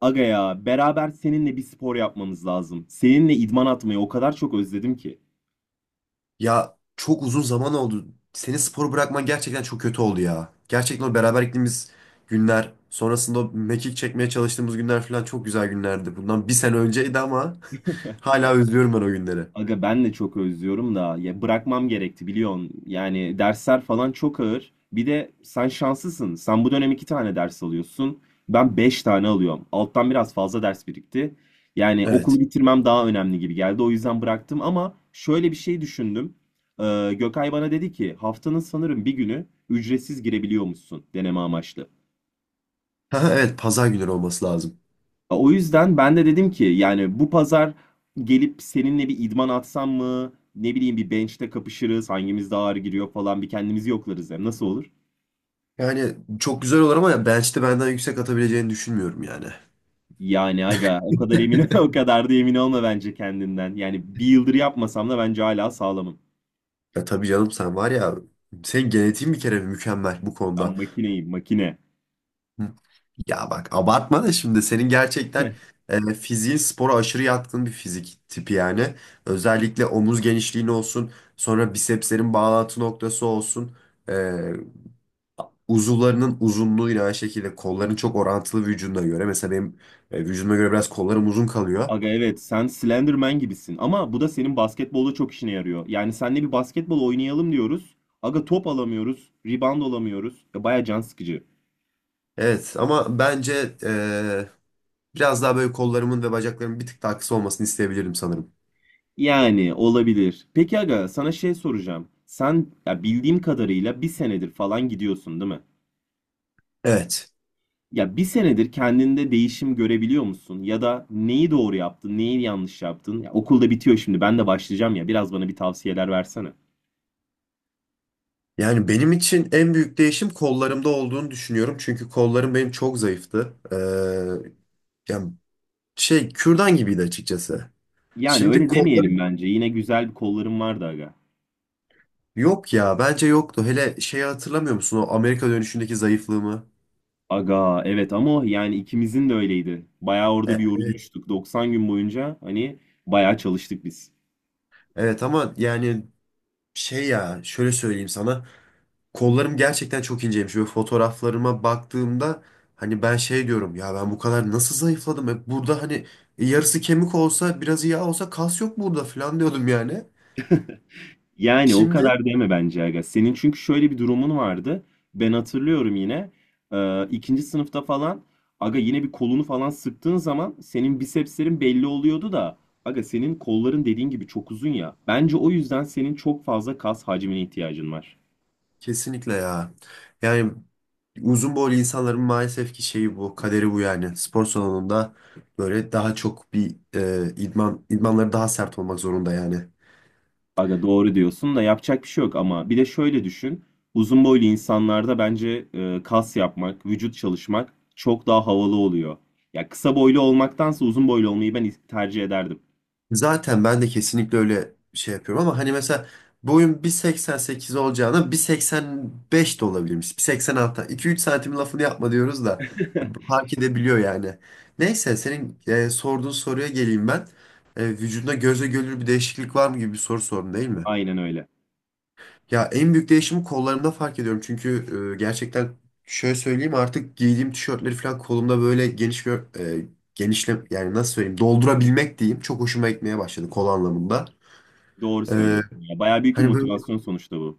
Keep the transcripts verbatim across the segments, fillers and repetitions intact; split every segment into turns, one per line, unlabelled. Aga ya beraber seninle bir spor yapmamız lazım. Seninle idman atmayı o kadar çok özledim ki.
Ya çok uzun zaman oldu. Senin sporu bırakman gerçekten çok kötü oldu ya. Gerçekten o beraber gittiğimiz günler, sonrasında o mekik çekmeye çalıştığımız günler falan çok güzel günlerdi. Bundan bir sene önceydi ama hala özlüyorum ben o günleri.
Aga ben de çok özlüyorum da ya bırakmam gerekti biliyorsun. Yani dersler falan çok ağır. Bir de sen şanslısın. Sen bu dönem iki tane ders alıyorsun. Ben beş tane alıyorum. Alttan biraz fazla ders birikti. Yani
Evet.
okulu bitirmem daha önemli gibi geldi. O yüzden bıraktım ama şöyle bir şey düşündüm. Ee, Gökay bana dedi ki haftanın sanırım bir günü ücretsiz girebiliyormuşsun deneme amaçlı.
Ha, evet pazar günleri olması lazım.
O yüzden ben de dedim ki yani bu pazar gelip seninle bir idman atsam mı? Ne bileyim bir bench'te kapışırız. Hangimiz daha ağır giriyor falan bir kendimizi yoklarız hem. Nasıl olur?
Yani çok güzel olur ama bench'te benden yüksek atabileceğini düşünmüyorum yani.
Yani aga o kadar emin o kadar da emin olma bence kendinden. Yani bir yıldır yapmasam da bence hala sağlamım.
Ya tabii canım sen var ya senin genetiğin bir kere mükemmel bu
Ben
konuda.
makineyim makine.
Hı. Ya bak abartma da şimdi senin gerçekten e, fiziğin spora aşırı yatkın bir fizik tipi yani. Özellikle omuz genişliğin olsun, sonra bisepslerin bağlantı noktası olsun. E, uzuvlarının uzunluğu yine aynı şekilde kolların çok orantılı vücuduna göre. Mesela benim e, vücuduma göre biraz kollarım uzun kalıyor.
Aga evet, sen Slenderman gibisin ama bu da senin basketbolda çok işine yarıyor. Yani seninle bir basketbol oynayalım diyoruz. Aga top alamıyoruz, rebound alamıyoruz. Ya baya can sıkıcı.
Evet ama bence e, biraz daha böyle kollarımın ve bacaklarımın bir tık daha kısa olmasını isteyebilirim sanırım.
Yani olabilir. Peki aga sana şey soracağım. Sen ya bildiğim kadarıyla bir senedir falan gidiyorsun değil mi?
Evet.
Ya bir senedir kendinde değişim görebiliyor musun? Ya da neyi doğru yaptın, neyi yanlış yaptın? Ya okul da bitiyor şimdi ben de başlayacağım ya biraz bana bir tavsiyeler versene.
Yani benim için en büyük değişim kollarımda olduğunu düşünüyorum. Çünkü kollarım benim çok zayıftı. Ee, yani şey kürdan gibiydi açıkçası.
Yani
Şimdi
öyle demeyelim
kollarım
bence. Yine güzel bir kollarım vardı aga.
yok ya bence yoktu. Hele şeyi hatırlamıyor musun o Amerika dönüşündeki zayıflığımı?
Aga evet, ama o yani ikimizin de öyleydi. Bayağı
E,
orada bir
evet.
yorulmuştuk. doksan gün boyunca hani bayağı çalıştık biz.
Evet ama yani şey ya şöyle söyleyeyim sana. Kollarım gerçekten çok inceymiş. Böyle fotoğraflarıma baktığımda hani ben şey diyorum ya ben bu kadar nasıl zayıfladım? E, burada hani yarısı kemik olsa biraz yağ olsa kas yok burada falan diyordum yani.
Yani o
Şimdi
kadar deme bence aga. Senin çünkü şöyle bir durumun vardı. Ben hatırlıyorum yine. Ee, ikinci sınıfta falan aga yine bir kolunu falan sıktığın zaman senin bisepslerin belli oluyordu da aga senin kolların dediğin gibi çok uzun ya. Bence o yüzden senin çok fazla kas hacmine ihtiyacın var.
kesinlikle ya. Yani uzun boylu insanların maalesef ki şeyi bu, kaderi bu yani. Spor salonunda böyle daha çok bir e, idman, idmanları daha sert olmak zorunda yani.
Aga doğru diyorsun da yapacak bir şey yok ama bir de şöyle düşün. Uzun boylu insanlarda bence e, kas yapmak, vücut çalışmak çok daha havalı oluyor. Ya kısa boylu olmaktansa uzun boylu olmayı ben tercih ederdim.
Zaten ben de kesinlikle öyle şey yapıyorum ama hani mesela boyum bir seksen sekiz olacağına bir seksen beş de olabilirmiş. bir seksen altı. iki üç santim lafını yapma diyoruz da fark edebiliyor yani. Neyse senin e, sorduğun soruya geleyim ben. E, vücudunda göze görülür bir değişiklik var mı gibi bir soru sordun değil mi?
Aynen öyle.
Ya en büyük değişimi kollarımda fark ediyorum. Çünkü e, gerçekten şöyle söyleyeyim artık giydiğim tişörtleri falan kolumda böyle geniş bir e, genişle yani nasıl söyleyeyim doldurabilmek diyeyim. Çok hoşuma gitmeye başladı kol anlamında.
Doğru
E,
söylüyorsun. Ya bayağı büyük bir
hani böyle
motivasyon sonuçta bu.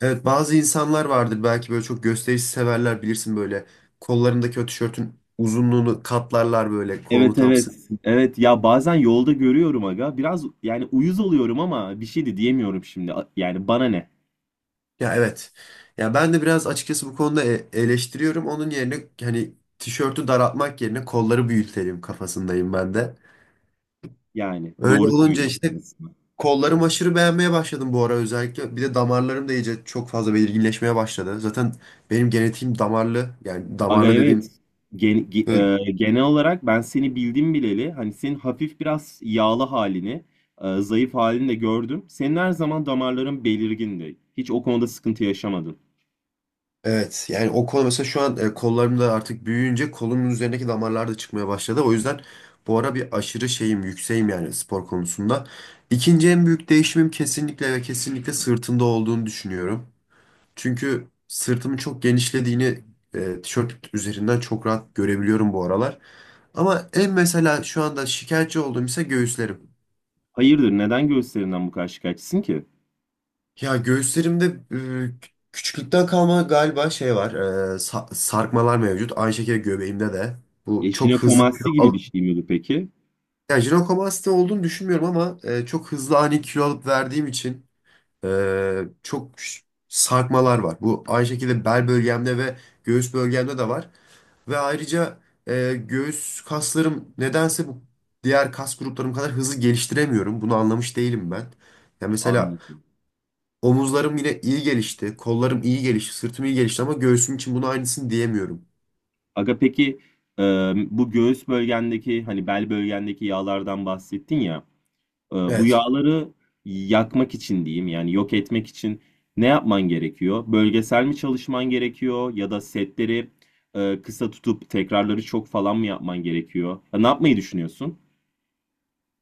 evet bazı insanlar vardır belki böyle çok gösterişi severler bilirsin böyle kollarındaki o tişörtün uzunluğunu katlarlar böyle kolunu
Evet,
tam
evet.
sık.
Evet ya bazen yolda görüyorum aga. Biraz yani uyuz oluyorum ama bir şey de diyemiyorum şimdi. A- Yani bana ne?
Ya evet. Ya ben de biraz açıkçası bu konuda e- eleştiriyorum. Onun yerine hani tişörtü daraltmak yerine kolları büyütelim kafasındayım ben de.
Yani
Öyle
doğru
olunca
söylüyorsun
işte
aslında.
kollarımı aşırı beğenmeye başladım bu ara özellikle. Bir de damarlarım da iyice çok fazla belirginleşmeye başladı. Zaten benim genetiğim damarlı. Yani
Aga
damarlı
evet.
dediğim
Gen- ge-
böyle-
e, Genel olarak ben seni bildim bileli. Hani senin hafif biraz yağlı halini, e, zayıf halini de gördüm. Senin her zaman damarların belirgindi. Hiç o konuda sıkıntı yaşamadın.
evet yani o kol mesela şu an e, kollarım da artık büyüyünce kolumun üzerindeki damarlar da çıkmaya başladı. O yüzden bu ara bir aşırı şeyim yükseğim yani spor konusunda. İkinci en büyük değişimim kesinlikle ve kesinlikle sırtımda olduğunu düşünüyorum. Çünkü sırtımın çok genişlediğini e, tişört üzerinden çok rahat görebiliyorum bu aralar. Ama en mesela şu anda şikayetçi olduğum ise göğüslerim.
Hayırdır, neden göğüslerinden bu kadar şikayetçisin ki?
Ya göğüslerimde e, küçüklükten kalma galiba şey var. e, sa- sarkmalar mevcut. Aynı şekilde göbeğimde de.
E,
Bu çok hızlı kilo
jinekomasti gibi bir
alıp...
şey miydi peki?
Yani jinekomasti olduğunu düşünmüyorum ama e, çok hızlı ani kilo alıp verdiğim için e, çok ş- sarkmalar var. Bu aynı şekilde bel bölgemde ve göğüs bölgemde de var. Ve ayrıca e, göğüs kaslarım nedense bu diğer kas gruplarım kadar hızlı geliştiremiyorum. Bunu anlamış değilim ben. Ya mesela
Anladım.
omuzlarım yine iyi gelişti, kollarım iyi gelişti, sırtım iyi gelişti ama göğsüm için bunu aynısını diyemiyorum.
Aga peki e, bu göğüs bölgendeki hani bel bölgendeki yağlardan bahsettin ya, e, bu
Evet.
yağları yakmak için diyeyim yani yok etmek için ne yapman gerekiyor? Bölgesel mi çalışman gerekiyor ya da setleri e, kısa tutup tekrarları çok falan mı yapman gerekiyor? Ya ne yapmayı düşünüyorsun?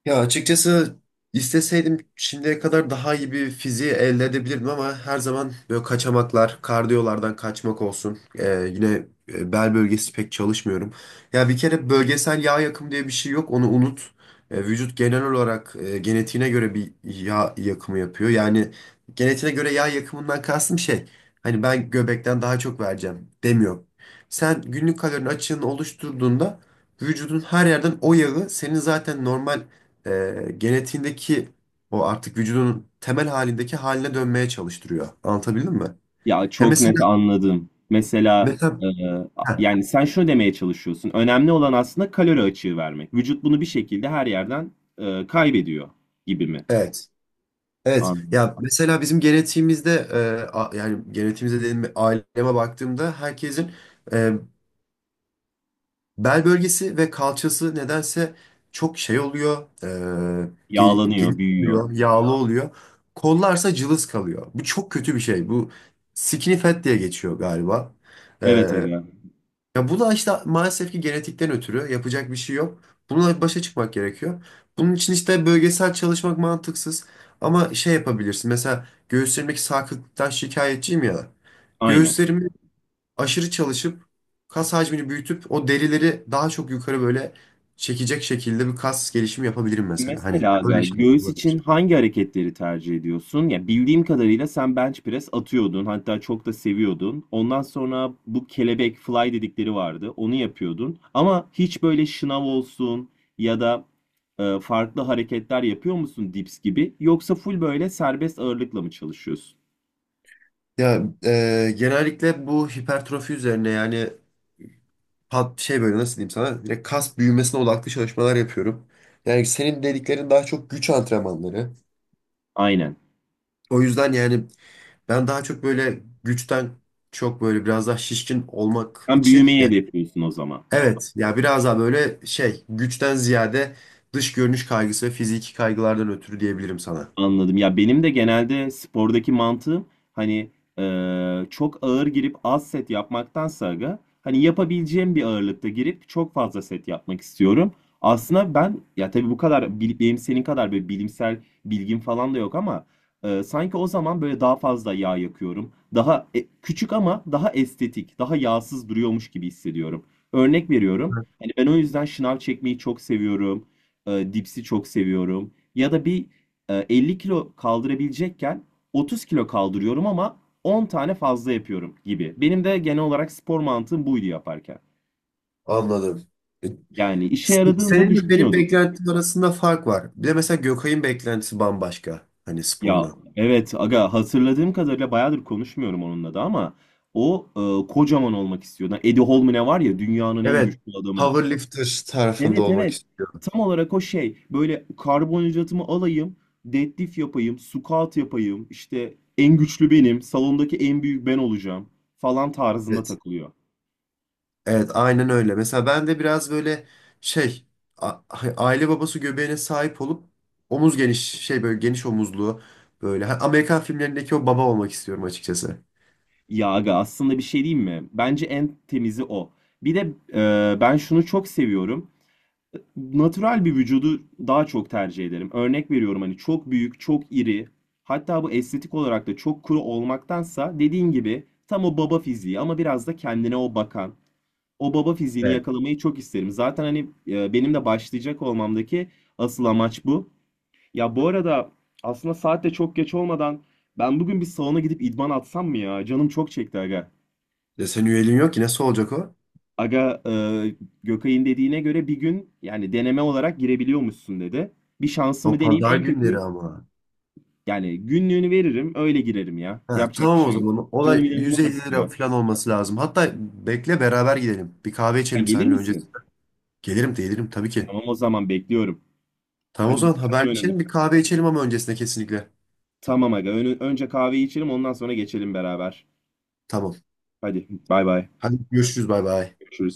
Ya açıkçası isteseydim şimdiye kadar daha iyi bir fiziği elde edebilirdim ama her zaman böyle kaçamaklar, kardiyolardan kaçmak olsun. Ee, yine e, bel bölgesi pek çalışmıyorum. Ya bir kere bölgesel yağ yakımı diye bir şey yok, onu unut. Ee, vücut genel olarak e, genetiğine göre bir yağ yakımı yapıyor. Yani genetiğine göre yağ yakımından kastım şey, hani ben göbekten daha çok vereceğim demiyor. Sen günlük kalorinin açığını oluşturduğunda vücudun her yerden o yağı senin zaten normal e, genetiğindeki o artık vücudunun temel halindeki haline dönmeye çalıştırıyor. Anlatabildim mi?
Ya
Ya
çok net
mesela
anladım. Mesela
mesela
e,
heh,
yani sen şunu demeye çalışıyorsun. Önemli olan aslında kalori açığı vermek. Vücut bunu bir şekilde her yerden e, kaybediyor gibi mi?
evet. Evet.
Anladım.
Ya mesela bizim genetiğimizde e, a- yani genetiğimizde dediğim aileme baktığımda herkesin e, bel bölgesi ve kalçası nedense çok şey oluyor. E, gel- geniş
Yağlanıyor, büyüyor.
oluyor, yağlı oluyor. Kollarsa cılız kalıyor. Bu çok kötü bir şey. Bu skinny fat diye geçiyor galiba. E,
Evet aga,
Ya bu da işte maalesef ki genetikten ötürü yapacak bir şey yok. Bununla başa çıkmak gerekiyor. Bunun için işte bölgesel çalışmak mantıksız. Ama şey yapabilirsin. Mesela göğüslerimdeki sarkıklıktan şikayetçiyim ya.
aynen.
Göğüslerimi aşırı çalışıp kas hacmini büyütüp o derileri daha çok yukarı böyle çekecek şekilde bir kas gelişimi yapabilirim mesela. Hani
Mesela
öyle
aga,
şey
göğüs için
olabilir.
hangi hareketleri tercih ediyorsun? Ya bildiğim kadarıyla sen bench press atıyordun, hatta çok da seviyordun. Ondan sonra bu kelebek fly dedikleri vardı, onu yapıyordun. Ama hiç böyle şınav olsun ya da e, farklı hareketler yapıyor musun, dips gibi? Yoksa full böyle serbest ağırlıkla mı çalışıyorsun?
Ya e, genellikle bu hipertrofi üzerine yani pat- şey böyle nasıl diyeyim sana direkt kas büyümesine odaklı çalışmalar yapıyorum. Yani senin dediklerin daha çok güç antrenmanları.
Aynen.
O yüzden yani ben daha çok böyle güçten çok böyle biraz daha şişkin olmak
Sen
için
büyümeyi
yani
hedefliyorsun o zaman.
evet ya biraz daha böyle şey güçten ziyade dış görünüş kaygısı ve fiziki kaygılardan ötürü diyebilirim sana.
Anladım. Ya benim de genelde spordaki mantığım hani eee, çok ağır girip az set yapmaktansa aga, hani yapabileceğim bir ağırlıkta girip çok fazla set yapmak istiyorum. Aslında ben ya tabii bu kadar bil- benim senin kadar böyle bilimsel bilgim falan da yok ama eee, sanki o zaman böyle daha fazla yağ yakıyorum. Daha e, küçük ama daha estetik, daha yağsız duruyormuş gibi hissediyorum. Örnek veriyorum. Hani ben o yüzden şınav çekmeyi çok seviyorum. Eee, dipsi çok seviyorum. Ya da bir e, elli kilo kaldırabilecekken otuz kilo kaldırıyorum ama on tane fazla yapıyorum gibi. Benim de genel olarak spor mantığım buydu yaparken.
Anladım. E,
Yani işe
se-
yaradığını da
Senin benim
düşünüyordum.
beklentim arasında fark var. Bir de mesela Gökay'ın beklentisi bambaşka hani
Ya
spordan.
evet aga, hatırladığım kadarıyla bayağıdır konuşmuyorum onunla da ama o e, kocaman olmak istiyordu. Hani Eddie Hall mı ne var ya, dünyanın en
Evet,
güçlü adamı.
powerlifter tarafında
Evet,
olmak.
evet. Tam olarak o şey. Böyle karbonhidratımı alayım, deadlift yapayım, squat yapayım. İşte en güçlü benim, salondaki en büyük ben olacağım falan tarzında
Evet.
takılıyor.
Evet, aynen öyle. Mesela ben de biraz böyle şey a- hani aile babası göbeğine sahip olup omuz geniş şey böyle geniş omuzlu böyle Ha, Amerikan filmlerindeki o baba olmak istiyorum açıkçası.
Ya aga aslında bir şey diyeyim mi? Bence en temizi o. Bir de e, ben şunu çok seviyorum. Natural bir vücudu daha çok tercih ederim. Örnek veriyorum, hani çok büyük, çok iri, hatta bu estetik olarak da çok kuru olmaktansa dediğin gibi tam o baba fiziği ama biraz da kendine o bakan o baba fiziğini
Evet.
yakalamayı çok isterim. Zaten hani e, benim de başlayacak olmamdaki asıl amaç bu. Ya bu arada aslında saat de çok geç olmadan ben bugün bir salona gidip idman atsam mı ya? Canım çok çekti aga.
Ya senin üyeliğin yok ki nasıl olacak o?
Aga e, Gökay'ın dediğine göre bir gün yani deneme olarak girebiliyormuşsun dedi. Bir
O
şansımı deneyeyim,
pazar
en
günleri
kötü
ama.
yani günlüğünü veririm öyle girerim ya.
Ha,
Yapacak bir
tamam o
şey yok.
zaman.
Canım
Olay
inanılmaz
yüz elli lira
istiyor.
falan olması lazım. Hatta bekle beraber gidelim. Bir kahve
Sen
içelim
gelir
seninle
misin?
öncesinde. Gelirim de gelirim tabii ki.
Tamam o zaman, bekliyorum.
Tamam o
Hadi
zaman
buluşalım önünde.
haberleşelim bir kahve içelim ama öncesinde kesinlikle.
Tamam aga. Önü- önce kahveyi içelim ondan sonra geçelim beraber.
Tamam.
Hadi bay bay.
Hadi görüşürüz bay bay.
Görüşürüz.